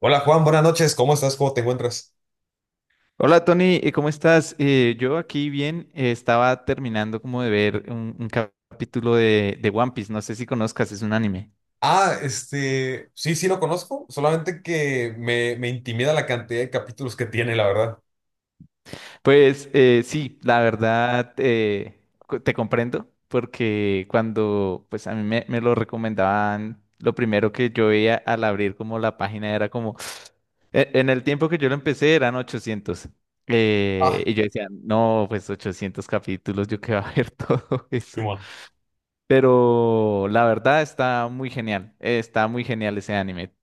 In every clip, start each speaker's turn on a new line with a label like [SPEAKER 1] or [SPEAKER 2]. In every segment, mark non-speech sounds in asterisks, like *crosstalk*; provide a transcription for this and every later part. [SPEAKER 1] Hola Juan, buenas noches, ¿cómo estás? ¿Cómo te encuentras?
[SPEAKER 2] Hola Tony, ¿cómo estás? Yo aquí bien, estaba terminando como de ver un capítulo de One Piece, no sé si conozcas, es un anime.
[SPEAKER 1] Sí, sí lo conozco, solamente que me intimida la cantidad de capítulos que tiene, la verdad.
[SPEAKER 2] Pues sí, la verdad te comprendo, porque cuando pues a mí me lo recomendaban, lo primero que yo veía al abrir como la página era como, en el tiempo que yo lo empecé eran 800. eh,
[SPEAKER 1] Ah,
[SPEAKER 2] y yo decía, no, pues 800 capítulos, yo qué va a ver *laughs* todo eso.
[SPEAKER 1] Simón.
[SPEAKER 2] Pero la verdad está muy genial. Está muy genial ese anime.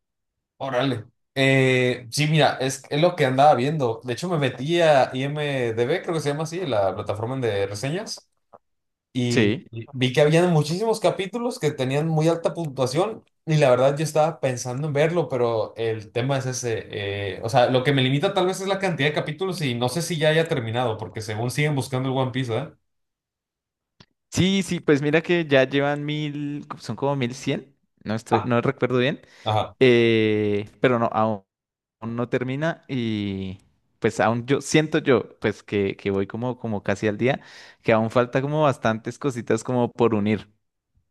[SPEAKER 1] Órale. Sí, mira, es lo que andaba viendo. De hecho, me metí a IMDb, creo que se llama así, la plataforma de reseñas. Y
[SPEAKER 2] Sí.
[SPEAKER 1] y vi que habían muchísimos capítulos que tenían muy alta puntuación y la verdad yo estaba pensando en verlo, pero el tema es ese. O sea, lo que me limita tal vez es la cantidad de capítulos y no sé si ya haya terminado, porque según siguen buscando el One Piece, ¿eh?
[SPEAKER 2] Sí, sí, pues mira que ya llevan 1000, son como 1100. No estoy,
[SPEAKER 1] Ah,
[SPEAKER 2] no recuerdo bien.
[SPEAKER 1] ajá.
[SPEAKER 2] Pero no, aún no termina. Y pues aún yo siento yo, pues que voy como casi al día, que aún falta como bastantes cositas como por unir.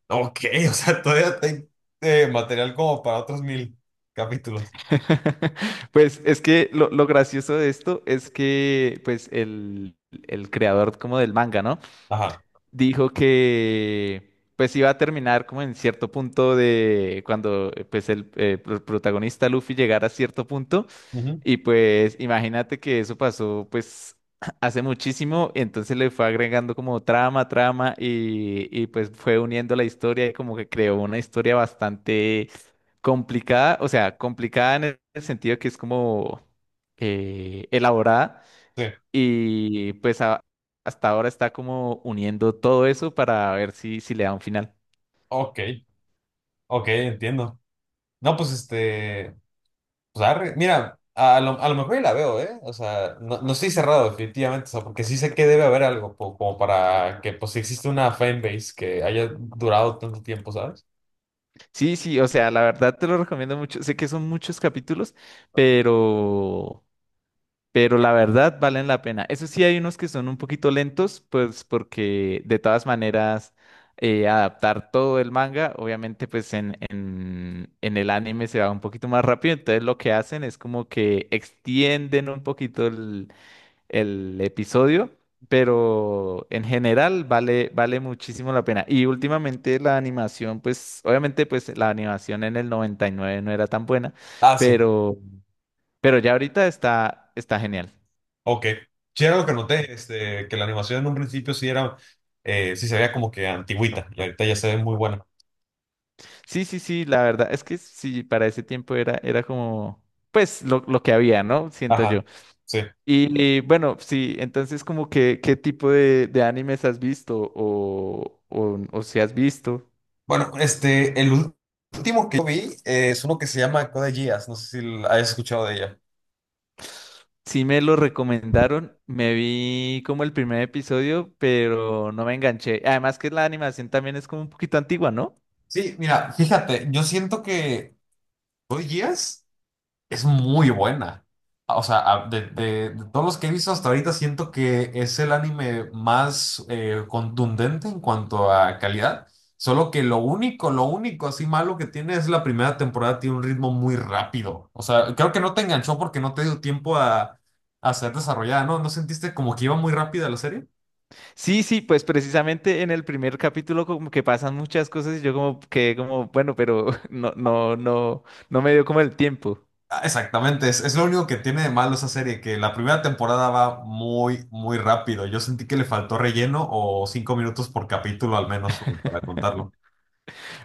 [SPEAKER 1] Ok, *laughs* o sea, todavía hay material como para otros mil capítulos.
[SPEAKER 2] *laughs* Pues es que lo gracioso de esto es que pues el creador como del manga, ¿no?
[SPEAKER 1] Ajá.
[SPEAKER 2] Dijo que pues iba a terminar como en cierto punto de cuando pues protagonista Luffy llegara a cierto punto
[SPEAKER 1] Ujú.
[SPEAKER 2] y pues imagínate que eso pasó pues *clears throat* hace muchísimo. Entonces le fue agregando como trama, trama y pues fue uniendo la historia y como que creó una historia bastante complicada, o sea, complicada en el sentido que es como elaborada
[SPEAKER 1] Sí.
[SPEAKER 2] y pues hasta ahora está como uniendo todo eso para ver si le da un final.
[SPEAKER 1] Ok, ok, entiendo. No, pues pues arre, mira, a lo mejor y la veo, ¿eh? O sea, no, no estoy cerrado definitivamente, o sea, porque sí sé que debe haber como para que, pues, si existe una fanbase que haya durado tanto tiempo, ¿sabes?
[SPEAKER 2] Sí, sí, o sea, la verdad te lo recomiendo mucho. Sé que son muchos capítulos, pero, pero la verdad valen la pena. Eso sí, hay unos que son un poquito lentos, pues porque de todas maneras adaptar todo el manga, obviamente pues en el anime se va un poquito más rápido. Entonces lo que hacen es como que extienden un poquito el episodio, pero en general vale muchísimo la pena. Y últimamente la animación, pues obviamente pues la animación en el 99 no era tan buena,
[SPEAKER 1] Ah, sí,
[SPEAKER 2] pero, pero ya ahorita está genial.
[SPEAKER 1] ok. Sí, era lo que noté, que la animación en un principio sí era, sí se veía como que antigüita, y ahorita ya se ve muy buena.
[SPEAKER 2] Sí, sí, sí, la verdad es que sí, para ese tiempo era como, pues lo que había, ¿no? Siento
[SPEAKER 1] Ajá,
[SPEAKER 2] yo.
[SPEAKER 1] sí.
[SPEAKER 2] Y bueno, sí, entonces como que, ¿qué tipo de animes has visto o si has visto?
[SPEAKER 1] Bueno, último que yo vi es uno que se llama Code Geass, no sé si hayas escuchado de ella.
[SPEAKER 2] Sí me lo recomendaron, me vi como el primer episodio, pero no me enganché. Además que la animación también es como un poquito antigua, ¿no?
[SPEAKER 1] Sí, mira, fíjate, yo siento que... ¿Code Geass? Es muy buena. O sea, de todos los que he visto hasta ahorita, siento que es el anime más contundente en cuanto a calidad. Solo que lo único así malo que tiene es la primera temporada, tiene un ritmo muy rápido. O sea, creo que no te enganchó porque no te dio tiempo a ser desarrollada, ¿no? ¿No sentiste como que iba muy rápida la serie?
[SPEAKER 2] Sí, sí, pues precisamente en el primer capítulo como que pasan muchas cosas y yo como que como, bueno, pero *laughs* no, no, no, no me dio como el tiempo.
[SPEAKER 1] Ah, exactamente, es lo único que tiene de malo esa serie, que la primera temporada va muy, muy rápido. Yo sentí que le faltó relleno o cinco minutos por capítulo al menos como para contarlo.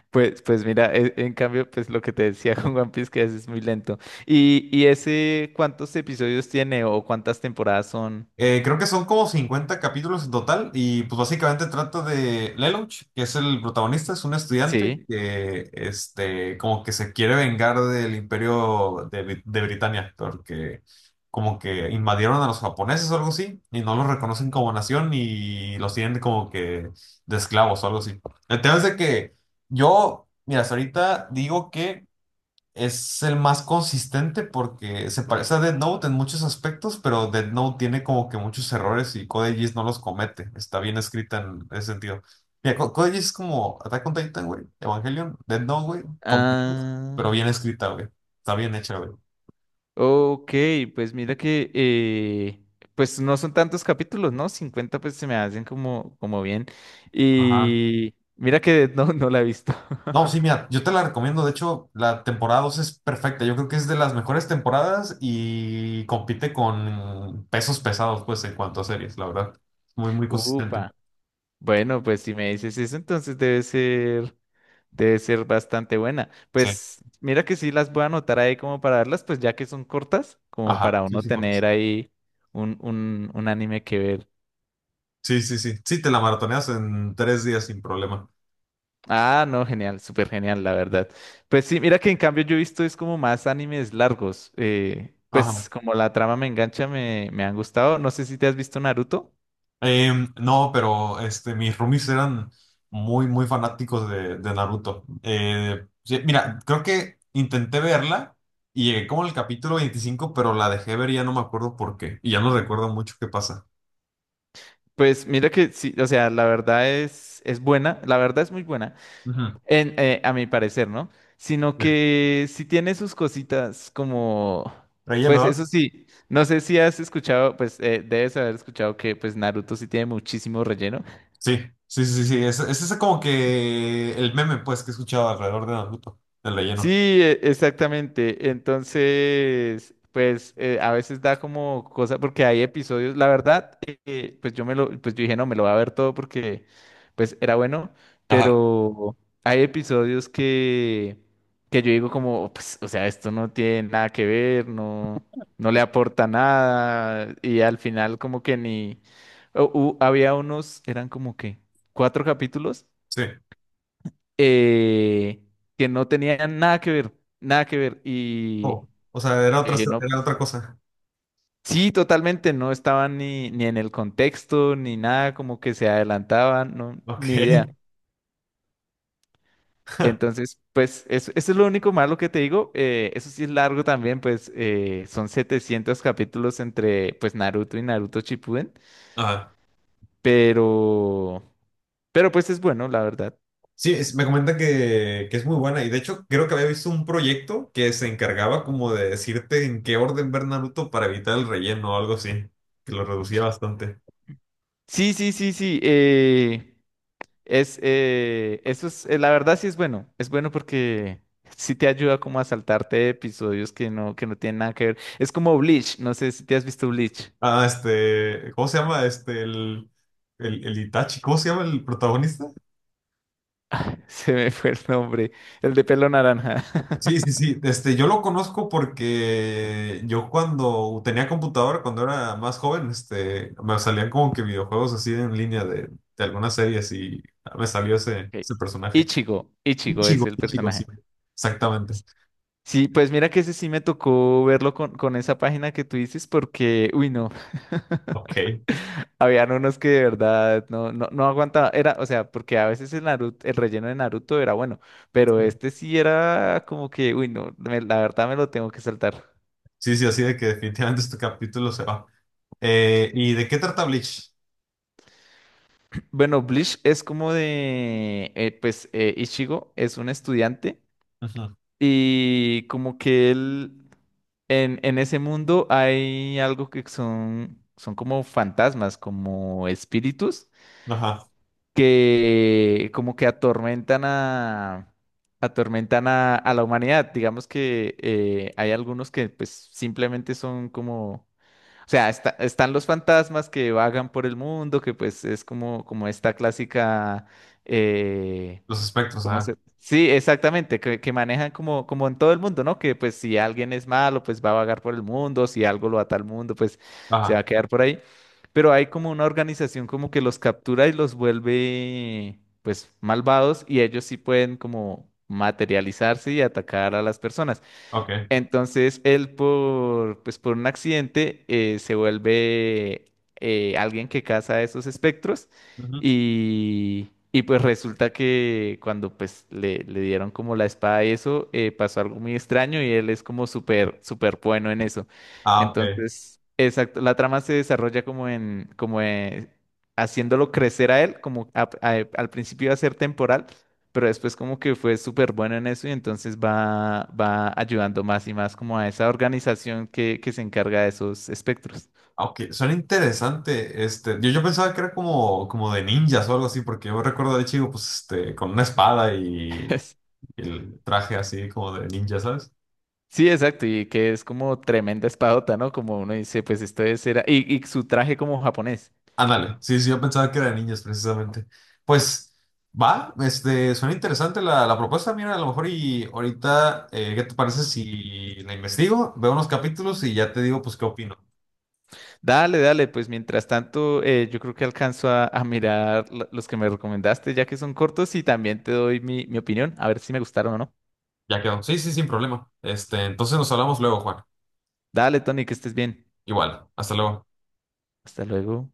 [SPEAKER 2] Pues mira, en cambio, pues lo que te decía *laughs* con One Piece, que a veces es muy lento. ¿Y ese cuántos episodios tiene o cuántas temporadas son?
[SPEAKER 1] Creo que son como 50 capítulos en total y pues básicamente trata de Lelouch, que es el protagonista, es un estudiante
[SPEAKER 2] Sí.
[SPEAKER 1] que como que se quiere vengar del imperio de Britania, porque como que invadieron a los japoneses o algo así y no los reconocen como nación y los tienen como que de esclavos o algo así. El tema es de que yo, mira, hasta ahorita digo que... Es el más consistente porque se parece a Death Note en muchos aspectos, pero Death Note tiene como que muchos errores y Code Geass no los comete. Está bien escrita en ese sentido. Mira, Code Geass es como Attack on Titan, güey, Evangelion, Death Note, güey, combinado, pero
[SPEAKER 2] Ah.
[SPEAKER 1] bien escrita, güey. Está bien hecha, güey.
[SPEAKER 2] Ok, pues mira que pues no son tantos capítulos, ¿no? 50 pues se me hacen como bien.
[SPEAKER 1] Ajá.
[SPEAKER 2] Y mira que *laughs* no, no la he visto.
[SPEAKER 1] No, sí, mira, yo te la recomiendo. De hecho, la temporada 2 es perfecta. Yo creo que es de las mejores temporadas y compite con pesos pesados, pues, en cuanto a series, la verdad. Muy, muy
[SPEAKER 2] *laughs*
[SPEAKER 1] consistente.
[SPEAKER 2] Upa. Bueno, pues si me dices eso, entonces debe ser bastante buena.
[SPEAKER 1] Sí.
[SPEAKER 2] Pues mira que sí las voy a anotar ahí como para verlas, pues ya que son cortas, como
[SPEAKER 1] Ajá,
[SPEAKER 2] para
[SPEAKER 1] sí,
[SPEAKER 2] uno
[SPEAKER 1] sí, por
[SPEAKER 2] tener ahí un anime que ver.
[SPEAKER 1] sí, sí, sí. Sí, te la maratoneas en tres días sin problema.
[SPEAKER 2] Ah, no, genial, súper genial, la verdad. Pues sí, mira que en cambio yo he visto es como más animes largos. Pues
[SPEAKER 1] Ajá.
[SPEAKER 2] como la trama me engancha, me han gustado. No sé si te has visto Naruto.
[SPEAKER 1] Em, no, pero mis roomies eran muy, muy fanáticos de Naruto. Sí, mira, creo que intenté verla y llegué como al capítulo 25, pero la dejé ver y ya no me acuerdo por qué. Y ya no recuerdo mucho qué pasa.
[SPEAKER 2] Pues mira que sí, o sea, la verdad es buena, la verdad es muy buena,
[SPEAKER 1] Ujú.
[SPEAKER 2] a mi parecer, ¿no? Sino
[SPEAKER 1] Sí.
[SPEAKER 2] que sí tiene sus cositas como,
[SPEAKER 1] Ella,
[SPEAKER 2] pues eso
[SPEAKER 1] ¿no?
[SPEAKER 2] sí, no sé si has escuchado, pues debes haber escuchado que pues Naruto sí tiene muchísimo relleno.
[SPEAKER 1] Sí, sí, sí, sí. Es ese como que el meme, pues, que he escuchado alrededor de Naruto, el
[SPEAKER 2] Sí,
[SPEAKER 1] relleno.
[SPEAKER 2] exactamente. Entonces, pues a veces da como cosa, porque hay episodios, la verdad, pues yo dije, no, me lo voy a ver todo porque pues era bueno,
[SPEAKER 1] Ajá.
[SPEAKER 2] pero hay episodios que yo digo como, pues, o sea, esto no tiene nada que ver, no, no le aporta nada, y al final como que ni, había unos, eran como que cuatro capítulos
[SPEAKER 1] Sí.
[SPEAKER 2] eh, que no tenían nada que ver, nada que ver. Y
[SPEAKER 1] Oh, o sea,
[SPEAKER 2] yo dije, no,
[SPEAKER 1] era
[SPEAKER 2] pues
[SPEAKER 1] otra cosa.
[SPEAKER 2] sí, totalmente, no estaban ni en el contexto, ni nada, como que se adelantaban, no, ni idea.
[SPEAKER 1] Ok.
[SPEAKER 2] Entonces, pues eso es lo único malo que te digo. Eso sí es largo también, pues son 700 capítulos entre pues Naruto y Naruto Shippuden,
[SPEAKER 1] Ajá.
[SPEAKER 2] pero, pero pues es bueno, la verdad.
[SPEAKER 1] Sí, me comenta que es muy buena y de hecho creo que había visto un proyecto que se encargaba como de decirte en qué orden ver Naruto para evitar el relleno o algo así, que lo reducía bastante.
[SPEAKER 2] Sí, sí, sí, sí. La verdad sí es bueno porque *laughs* sí te ayuda como a saltarte episodios que no tienen nada que ver. Es como Bleach, no sé si te has visto Bleach,
[SPEAKER 1] Ah, este, ¿cómo se llama? El Itachi, ¿cómo se llama el protagonista?
[SPEAKER 2] *laughs* se me fue el nombre, el de pelo naranja. *laughs*
[SPEAKER 1] Sí, sí, sí, este, yo lo conozco porque yo cuando tenía computadora, cuando era más joven, este, me salían como que videojuegos así en línea de algunas series y me salió
[SPEAKER 2] Ok.
[SPEAKER 1] ese personaje.
[SPEAKER 2] Ichigo, Ichigo es el
[SPEAKER 1] Un chico, sí,
[SPEAKER 2] personaje.
[SPEAKER 1] exactamente.
[SPEAKER 2] Sí, pues mira que ese sí me tocó verlo con esa página que tú dices porque, uy, no. *laughs*
[SPEAKER 1] Ok.
[SPEAKER 2] Habían unos que de verdad no, no, no aguantaba, era, o sea, porque a veces el Naruto, el relleno de Naruto era bueno, pero este sí era como que, uy, no, la verdad me lo tengo que saltar.
[SPEAKER 1] Sí, sí, así de que definitivamente este capítulo se va. ¿Y de qué trata Bleach?
[SPEAKER 2] Bueno, Bleach es como pues, Ichigo es un estudiante
[SPEAKER 1] Ujú.
[SPEAKER 2] y como que en, ese mundo hay algo que son como fantasmas, como espíritus
[SPEAKER 1] Ajá.
[SPEAKER 2] que como que atormentan a la humanidad. Digamos que hay algunos que pues simplemente son como, o sea, están los fantasmas que vagan por el mundo, que pues es como esta clásica, eh,
[SPEAKER 1] Los espectros,
[SPEAKER 2] ¿cómo
[SPEAKER 1] ajá.
[SPEAKER 2] se? Sí, exactamente, que manejan como en todo el mundo, ¿no? Que pues si alguien es malo, pues va a vagar por el mundo, si algo lo ata al mundo, pues se va
[SPEAKER 1] Ajá.
[SPEAKER 2] a quedar por ahí. Pero hay como una organización como que los captura y los vuelve pues malvados y ellos sí pueden como materializarse y atacar a las personas.
[SPEAKER 1] Ok.
[SPEAKER 2] Entonces él pues por un accidente se vuelve alguien que caza esos espectros
[SPEAKER 1] Ujú.
[SPEAKER 2] y pues resulta que cuando pues le dieron como la espada y eso pasó algo muy extraño y él es como súper súper bueno en eso.
[SPEAKER 1] Ah, ok.
[SPEAKER 2] Entonces, exacto, la trama se desarrolla como en como haciéndolo crecer a él, como al principio iba a ser temporal pero después como que fue súper bueno en eso y entonces va ayudando más y más como a esa organización que se encarga de esos espectros.
[SPEAKER 1] Ah, ok, suena interesante. Este, yo pensaba que era como, como de ninjas o algo así, porque yo recuerdo de chico, pues, este, con una espada
[SPEAKER 2] *laughs* Es-
[SPEAKER 1] y el traje así como de ninja, ¿sabes?
[SPEAKER 2] Sí, exacto, y que es como tremenda espadota, ¿no? Como uno dice, pues esto es era, y su traje como japonés.
[SPEAKER 1] Ándale, sí, sí, yo pensaba que era de niños precisamente. Pues va, este, suena interesante la propuesta, mira, a lo mejor y ahorita, ¿qué te parece si la investigo, veo unos capítulos y ya te digo, pues, qué opino?
[SPEAKER 2] Dale, dale, pues mientras tanto, yo creo que alcanzo a mirar los que me recomendaste, ya que son cortos, y también te doy mi opinión, a ver si me gustaron o no.
[SPEAKER 1] Ya quedó. Sí, sí, sin problema. Este, entonces nos hablamos luego, Juan.
[SPEAKER 2] Dale, Tony, que estés bien.
[SPEAKER 1] Igual, hasta luego.
[SPEAKER 2] Hasta luego.